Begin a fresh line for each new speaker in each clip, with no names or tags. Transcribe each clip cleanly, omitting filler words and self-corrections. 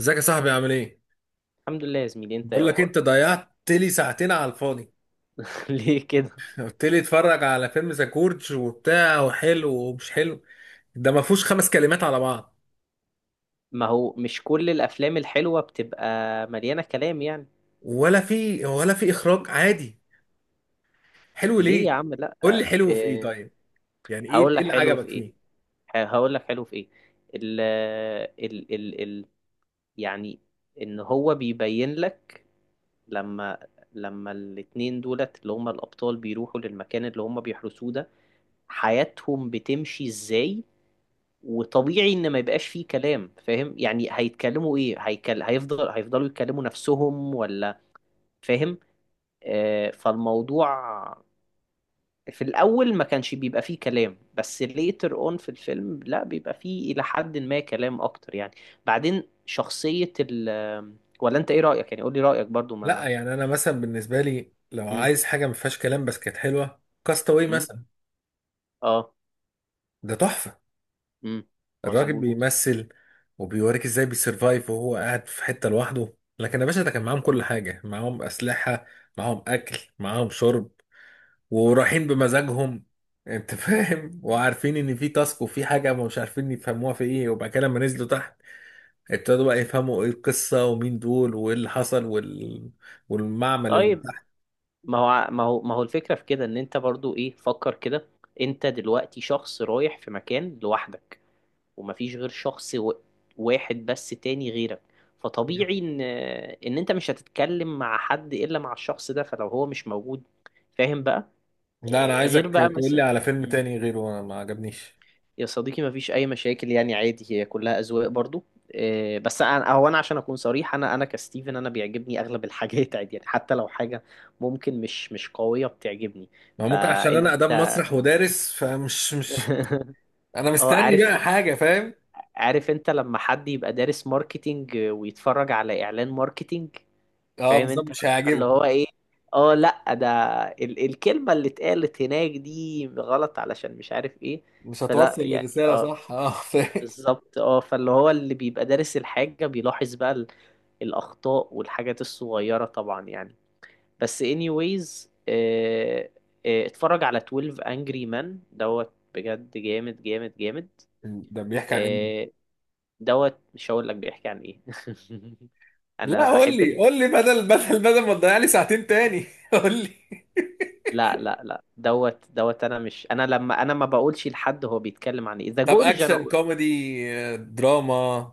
ازيك يا صاحبي، عامل ايه؟
الحمد لله يا زميلي، انت ايه
بقول لك، انت
اخبارك؟
ضيعت لي ساعتين على الفاضي.
ليه كده؟
قلت لي اتفرج على فيلم ساكورج وبتاع، وحلو ومش حلو. ده ما فيهوش 5 كلمات على بعض.
ما هو مش كل الافلام الحلوه بتبقى مليانه كلام يعني.
ولا في اخراج عادي. حلو
ليه
ليه؟
يا عم، لا،
قول لي حلو في ايه
اه.
طيب؟ يعني ايه
هقول
ايه
لك
اللي
حلو
عجبك
في ايه.
فيه؟
هقول لك حلو في ايه. ال ال ال ال يعني، ان هو بيبين لك لما لما الاتنين دولت اللي هما الابطال بيروحوا للمكان اللي هما بيحرسوه ده، حياتهم بتمشي ازاي. وطبيعي ان ما يبقاش فيه كلام. فاهم؟ يعني هيتكلموا ايه؟ هيكل... هيفضل هيفضلوا يتكلموا نفسهم ولا؟ فاهم؟ فالموضوع في الأول ما كانش بيبقى فيه كلام، بس later on في الفيلم لا بيبقى فيه إلى حد ما كلام أكتر يعني. بعدين شخصية ولا أنت إيه رأيك؟ يعني قولي رأيك برضو ما.
لا يعني انا مثلا بالنسبه لي لو
مم.
عايز حاجه ما فيهاش كلام بس كانت حلوه، كاستاوي
مم.
مثلا.
آه.
ده تحفه.
مم.
الراجل
مظبوط.
بيمثل، وبيوريك ازاي بيسرفايف وهو قاعد في حتة لوحده. لكن يا باشا ده كان معاهم
مم.
كل حاجة، معاهم أسلحة، معاهم أكل، معاهم شرب، ورايحين بمزاجهم. انت فاهم، وعارفين ان في تاسك وفي حاجة ما مش عارفين يفهموها في ايه، وبعد كده لما نزلوا تحت ابتدوا بقى يفهموا ايه القصة ومين دول وايه اللي حصل والمعمل اللي
طيب،
تحت.
ما هو الفكرة في كده، إن أنت برضو إيه فكر كده. أنت دلوقتي شخص رايح في مكان لوحدك، ومفيش غير شخص واحد بس تاني غيرك. فطبيعي ان انت مش هتتكلم مع حد الا مع الشخص ده، فلو هو مش موجود. فاهم بقى.
لا انا
إيه،
عايزك
غير بقى
تقول لي
مثلا.
على فيلم
مم.
تاني غيره، انا ما عجبنيش.
يا صديقي، مفيش اي مشاكل يعني، عادي، هي كلها اذواق برضو. إيه، بس انا هو انا عشان اكون صريح، انا كستيفن انا بيعجبني اغلب الحاجات عادي يعني، حتى لو حاجه ممكن مش قويه بتعجبني.
ما ممكن عشان
فانت
انا اداب مسرح ودارس، فمش مش. انا
اه
مستني
عارف
بقى حاجة، فاهم.
عارف انت لما حد يبقى دارس ماركتينج ويتفرج على اعلان ماركتينج.
اه
فاهم
بالظبط،
انت
مش
اللي
هيعجبه.
هو ايه. اه لا، ده الكلمة اللي اتقالت هناك دي غلط علشان مش عارف ايه.
مش
فلا
هتوصل
يعني
الرسالة
اه
صح. اه فاهم.
بالظبط اه فاللي هو اللي بيبقى دارس الحاجة بيلاحظ بقى الاخطاء والحاجات الصغيرة طبعا يعني. بس anyways، اه اتفرج على 12 Angry Men دوت. بجد جامد جامد جامد.
ده بيحكي عن ايه؟
آه، دوت، مش هقول لك بيحكي عن ايه. انا
لا قول
بحب
لي قول لي بدل ما تضيع لي ساعتين تاني. قول لي.
لا لا لا، دوت دوت، انا مش انا لما انا ما بقولش لحد هو بيتكلم عن ايه، ذا
طب
جورج انا
اكشن
اقول.
كوميدي؟ آه، دراما.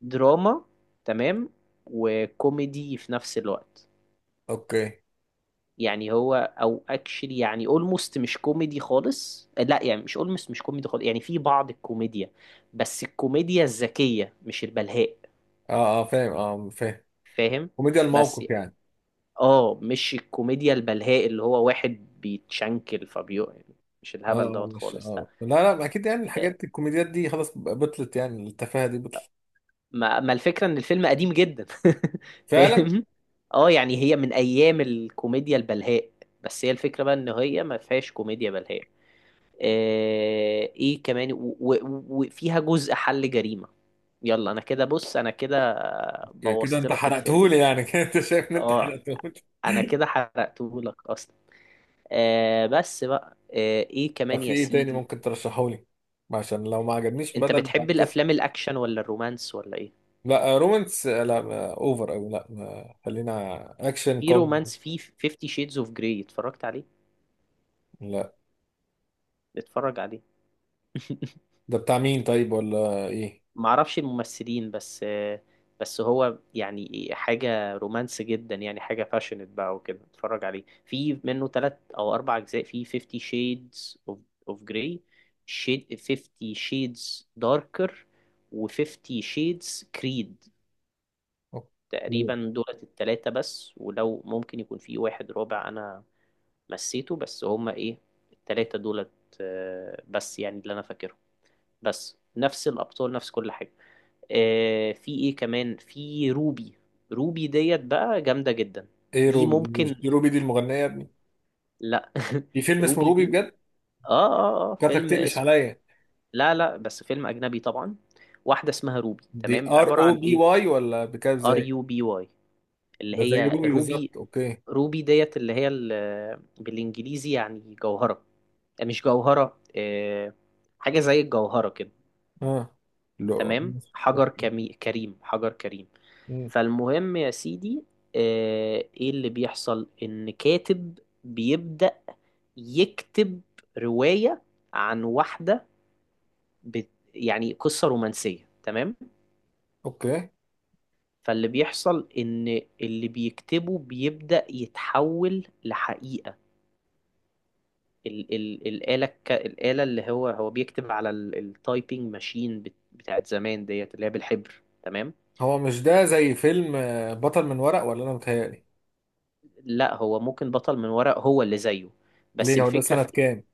دراما. تمام، وكوميدي في نفس الوقت.
اوكي.
يعني هو او اكشلي، يعني اولموست مش كوميدي خالص، لا يعني مش اولموست مش كوميدي خالص، يعني في بعض الكوميديا، بس الكوميديا الذكية مش البلهاء.
اه، اه، فاهم، اه فاهم.
فاهم.
كوميديا
بس
الموقف يعني.
اه مش الكوميديا البلهاء اللي هو واحد بيتشنكل فبيو يعني، مش
اه،
الهبل
آه،
دوت
مش،
خالص لا.
اه، لا، لا، ما اكيد يعني
آه،
الحاجات الكوميديات دي خلاص بطلت، يعني التفاهة دي بطلت.
ما الفكرة ان الفيلم قديم جدا.
فعلا.
فاهم. اه، يعني هي من ايام الكوميديا البلهاء، بس هي الفكرة بقى ان هي ما فيهاش كوميديا بلهاء. ايه كمان وفيها جزء حل جريمة. يلا انا كده، بص انا كده
كده
بوظت
انت
لك الفيلم.
حرقتهولي يعني. كده انت شايف ان انت
اه
حرقتهولي.
انا كده حرقته لك اصلا. بس بقى ايه
طب
كمان
في
يا
ايه تاني
سيدي.
ممكن ترشحهولي؟ عشان لو ما عجبنيش
انت
بدل ما.
بتحب الافلام الاكشن ولا الرومانس ولا ايه؟
لا رومانس، لا ما اوفر قوي، لا ما خلينا. اكشن
في
كوم.
رومانس، في 50 شيدز اوف جراي اتفرجت عليه؟
لا
اتفرج عليه.
ده بتاع مين طيب، ولا ايه؟
معرفش الممثلين بس، بس هو يعني حاجة رومانس جدا، يعني حاجة باشنت بقى وكده اتفرج عليه، في منه تلات او اربع اجزاء، في 50 شيدز اوف جراي، 50 شيدز داركر، و50 شيدز كريد.
أوكي.
تقريبا دولت التلاتة بس، ولو ممكن يكون في واحد رابع انا نسيته، بس هما ايه التلاتة دولت. بس يعني اللي انا فاكرهم، بس نفس الابطال نفس كل حاجة. في ايه كمان، في روبي. روبي ديت بقى جامدة جدا.
ايه
دي
روبي دي؟
ممكن.
مش دي روبي دي المغنية يا ابني؟
لا
في فيلم اسمه
روبي
روبي
دي.
بجد.
اه اه اه
كاتك
فيلم
تقلش
اسمه.
عليا.
لا لا، بس فيلم اجنبي طبعا. واحدة اسمها روبي،
دي
تمام،
ار
عبارة
او
عن
بي
ايه.
واي، ولا بكاب
ار
زي؟
يو بي واي، اللي
ده زي
هي
روبي
روبي.
بالظبط، اوكي.
روبي ديت اللي هي بالانجليزي يعني جوهرة. مش جوهرة. حاجة زي الجوهرة كده.
اه. لا
تمام،
ماشي،
حجر
اوكي.
كريم. حجر كريم.
مم.
فالمهم يا سيدي، ايه اللي بيحصل، ان كاتب بيبدأ يكتب رواية عن واحدة بت... يعني قصة رومانسية. تمام.
أوكي.
فاللي بيحصل ان اللي بيكتبه بيبدأ يتحول لحقيقة. الآلة اللي هو بيكتب على التايبنج ماشين بتاعت زمان ديت اللي هي بالحبر. تمام.
هو مش ده زي فيلم، بطل من ورق، ولا انا متهيألي؟
لا، هو ممكن بطل من ورق هو اللي زيه. بس
ليه، هو ده
الفكرة
سنة
في
كام؟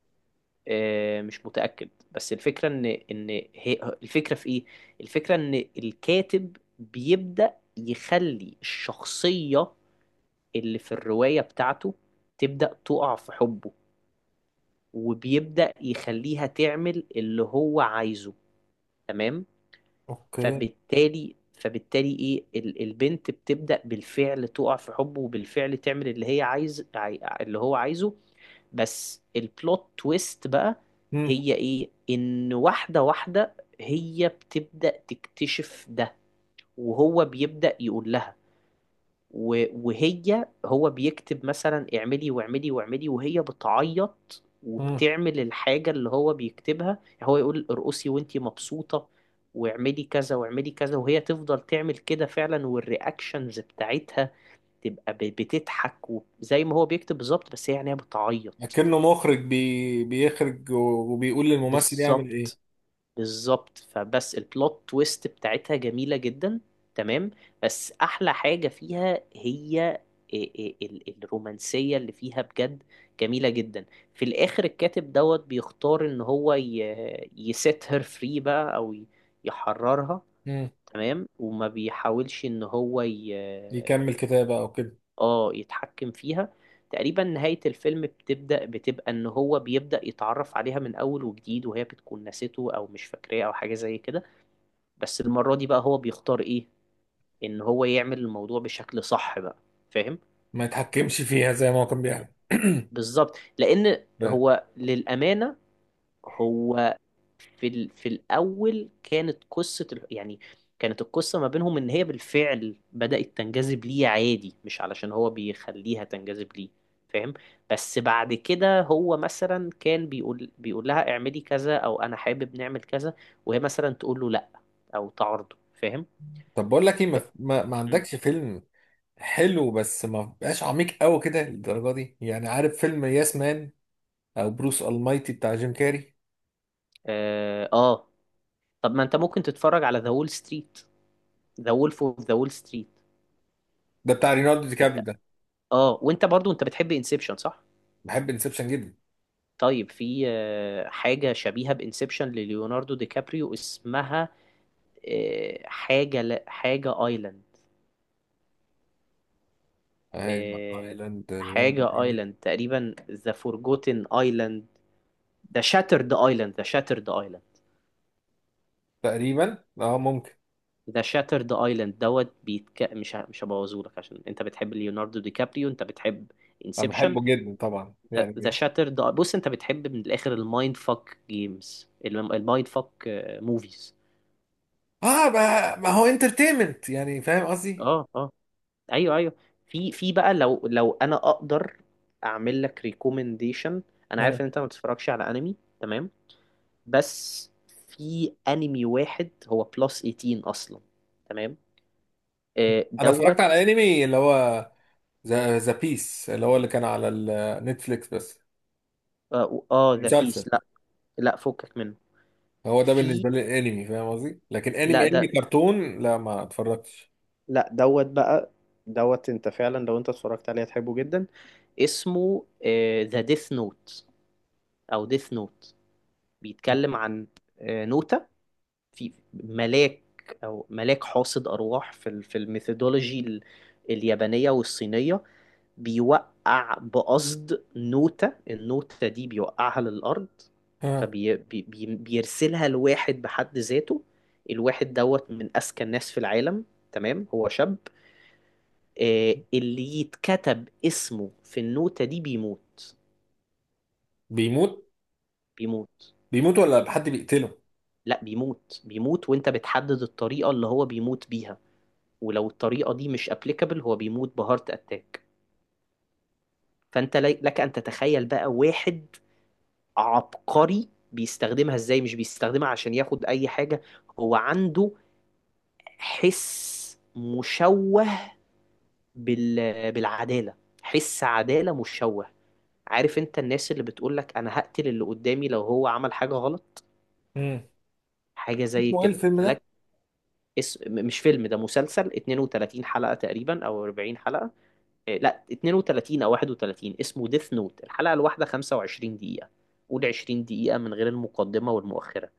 مش متأكد، بس الفكرة ان هي الفكرة في ايه، الفكرة ان الكاتب بيبدأ يخلي الشخصية اللي في الرواية بتاعته تبدأ تقع في حبه، وبيبدأ يخليها تعمل اللي هو عايزه. تمام.
اوكي.
فبالتالي، فبالتالي ايه البنت بتبدأ بالفعل تقع في حبه، وبالفعل تعمل اللي هي اللي هو عايزه. بس البلوت تويست بقى
مم.
هي ايه، ان واحدة هي بتبدأ تكتشف ده، وهو بيبدأ يقول لها. وهي هو بيكتب مثلا اعملي واعملي واعملي، وهي بتعيط
مم.
وبتعمل الحاجة اللي هو بيكتبها، يعني هو يقول ارقصي وانتي مبسوطة واعملي كذا واعملي كذا، وهي تفضل تعمل كده فعلا، والرياكشنز بتاعتها تبقى بتضحك وزي ما هو بيكتب بالظبط، بس هي يعني هي بتعيط.
اكنه مخرج بيخرج وبيقول للممثل يعمل ايه.
بالظبط، بالظبط. فبس البلوت تويست بتاعتها جميلة جدا. تمام. بس أحلى حاجة فيها هي الرومانسية اللي فيها بجد. جميلة جدا. في الآخر الكاتب دوت بيختار إن هو يسيت هير فري بقى، أو يحررها.
مم.
تمام، وما بيحاولش إن هو
يكمل كتابة او كده.
يتحكم فيها. تقريبا نهاية الفيلم بتبدأ بتبقى إن هو بيبدأ يتعرف عليها من أول وجديد، وهي بتكون نسيته أو مش فاكراه أو حاجة زي كده. بس المرة دي بقى هو بيختار ايه، ان هو يعمل الموضوع بشكل صح بقى. فاهم.
ما يتحكمش فيها زي ما هو كان بيعمل.
بالظبط، لان
فاهم.
هو للأمانة، هو في الأول كانت قصة يعني كانت القصة ما بينهم ان هي بالفعل بدأت تنجذب ليه عادي، مش علشان هو بيخليها تنجذب ليه. فاهم. بس بعد كده هو مثلا كان بيقول لها اعملي كذا او انا حابب نعمل كذا، وهي مثلا تقول له لا او تعارضه. فاهم.
طب بقول لك ايه، ما...
ف-
ما... ما
م.
عندكش فيلم حلو بس ما بقاش عميق قوي كده للدرجة دي؟ يعني عارف فيلم ياس مان او بروس المايتي بتاع جيم كاري؟
اه آه، طب ما انت ممكن تتفرج على ذا وول ستريت، ذا وولف اوف ذا وول ستريت.
ده بتاع رينالدو دي كابري ده؟
اه وانت برضو انت بتحب انسبشن صح.
بحب انسبشن جدا.
طيب في حاجة شبيهة بانسبشن لليوناردو دي كابريو اسمها حاجة حاجة ايلاند. آه،
ايلاند رينالدو دي
حاجة
كابري؟
ايلاند، تقريبا ذا فورجوتن ايلاند، ذا شاترد ايلاند
تقريبا اه ممكن.
ذا شاترد ايلاند دوت. مش هبوظهولك عشان انت بتحب ليوناردو دي كابريو، انت بتحب
انا
انسبشن.
بحبه جدا طبعا
ذا
يعني.
شاتر ده. بص، انت بتحب من الاخر المايند فاك جيمز، المايند فاك موفيز.
اه، ما هو انترتينمنت يعني، فاهم قصدي.
اه اه، ايوه ايوه. في بقى لو انا اقدر اعمل لك ريكومنديشن. انا
آه.
عارف ان انت ما بتتفرجش على انمي، تمام. بس في انمي واحد هو بلس 18 اصلا. تمام.
انا اتفرجت على
دوت.
انمي اللي هو ذا بيس اللي هو اللي كان على النتفليكس بس.
ذا
مسلسل.
بيس لا. لا فكك منه.
هو ده
في،
بالنسبه لي الانمي، فاهم قصدي، لكن
لا
انمي
ده،
كرتون، لا ما اتفرجتش.
لا دوت بقى. دوت، انت فعلا لو انت اتفرجت عليه هتحبه جدا. اسمه ذا ديث نوت او ديث نوت. بيتكلم عن نوتة. في ملاك، او ملاك حاصد ارواح في في الميثودولوجي اليابانية والصينية. بيوقع بقصد نوتة، النوتة دي بيوقعها للأرض.
ها.
فبيرسلها لواحد بحد ذاته، الواحد دوت من أذكى الناس في العالم، تمام، هو شاب. اللي يتكتب اسمه في النوتة دي بيموت.
بيموت.
بيموت.
بيموت ولا حد بيقتله؟
لا، بيموت بيموت. وانت بتحدد الطريقة اللي هو بيموت بيها، ولو الطريقة دي مش ابليكابل هو بيموت بهارت اتاك. فانت لك ان تتخيل بقى واحد عبقري بيستخدمها ازاي. مش بيستخدمها عشان ياخد اي حاجة، هو عنده حس مشوه بالعدالة. حس عدالة مشوه. عارف انت الناس اللي بتقولك انا هقتل اللي قدامي لو هو عمل حاجة غلط،
امم.
حاجة زي
اسمه ايه
كده
الفيلم ده؟
فلك. مش فيلم ده، مسلسل 32 حلقة تقريبا او 40 حلقة. إيه، لا 32 او 31، اسمه ديث نوت. الحلقة الواحدة 25 دقيقة، قول 20 دقيقة من غير المقدمة والمؤخرة.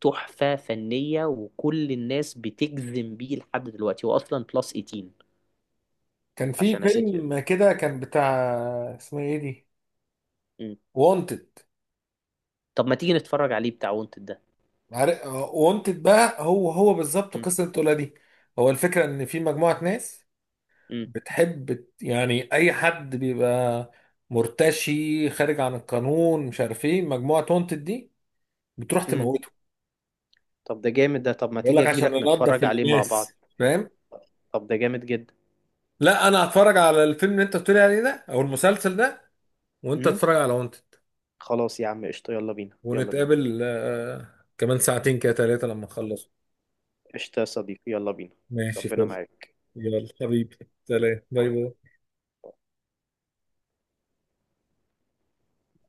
تحفة فنية، وكل الناس بتجزم بيه لحد دلوقتي، هو اصلا بلس 18
كان في
عشان اسيتيو.
فيلم كده، كان بتاع. اسمه ايه دي؟ وونتد.
طب ما تيجي نتفرج عليه بتاع وانتد ده.
وونتد بقى، هو بالظبط
مم.
قصه الطفوله دي. هو الفكره ان في مجموعه ناس
مم.
بتحب يعني اي حد بيبقى مرتشي، خارج عن القانون، مش عارف ايه، مجموعه تونتد دي بتروح
مم.
تموته.
طب ده جامد، ده طب ما
بيقول
تيجي
لك عشان
اجيلك
ننضف
نتفرج عليه مع
الناس،
بعض.
فاهم.
طب ده جامد جدا.
لا انا هتفرج على الفيلم اللي انت بتقولي عليه ده او المسلسل ده، وانت
مم.
تتفرج على وانتد.
خلاص يا عم، قشطة، يلا بينا يلا بينا.
ونتقابل كمان ساعتين كده 3 لما اخلص.
قشطة يا صديقي، يلا بينا.
ماشي
ربنا
فل.
معاك.
يلا حبيبي. سلام، باي
باي.
باي.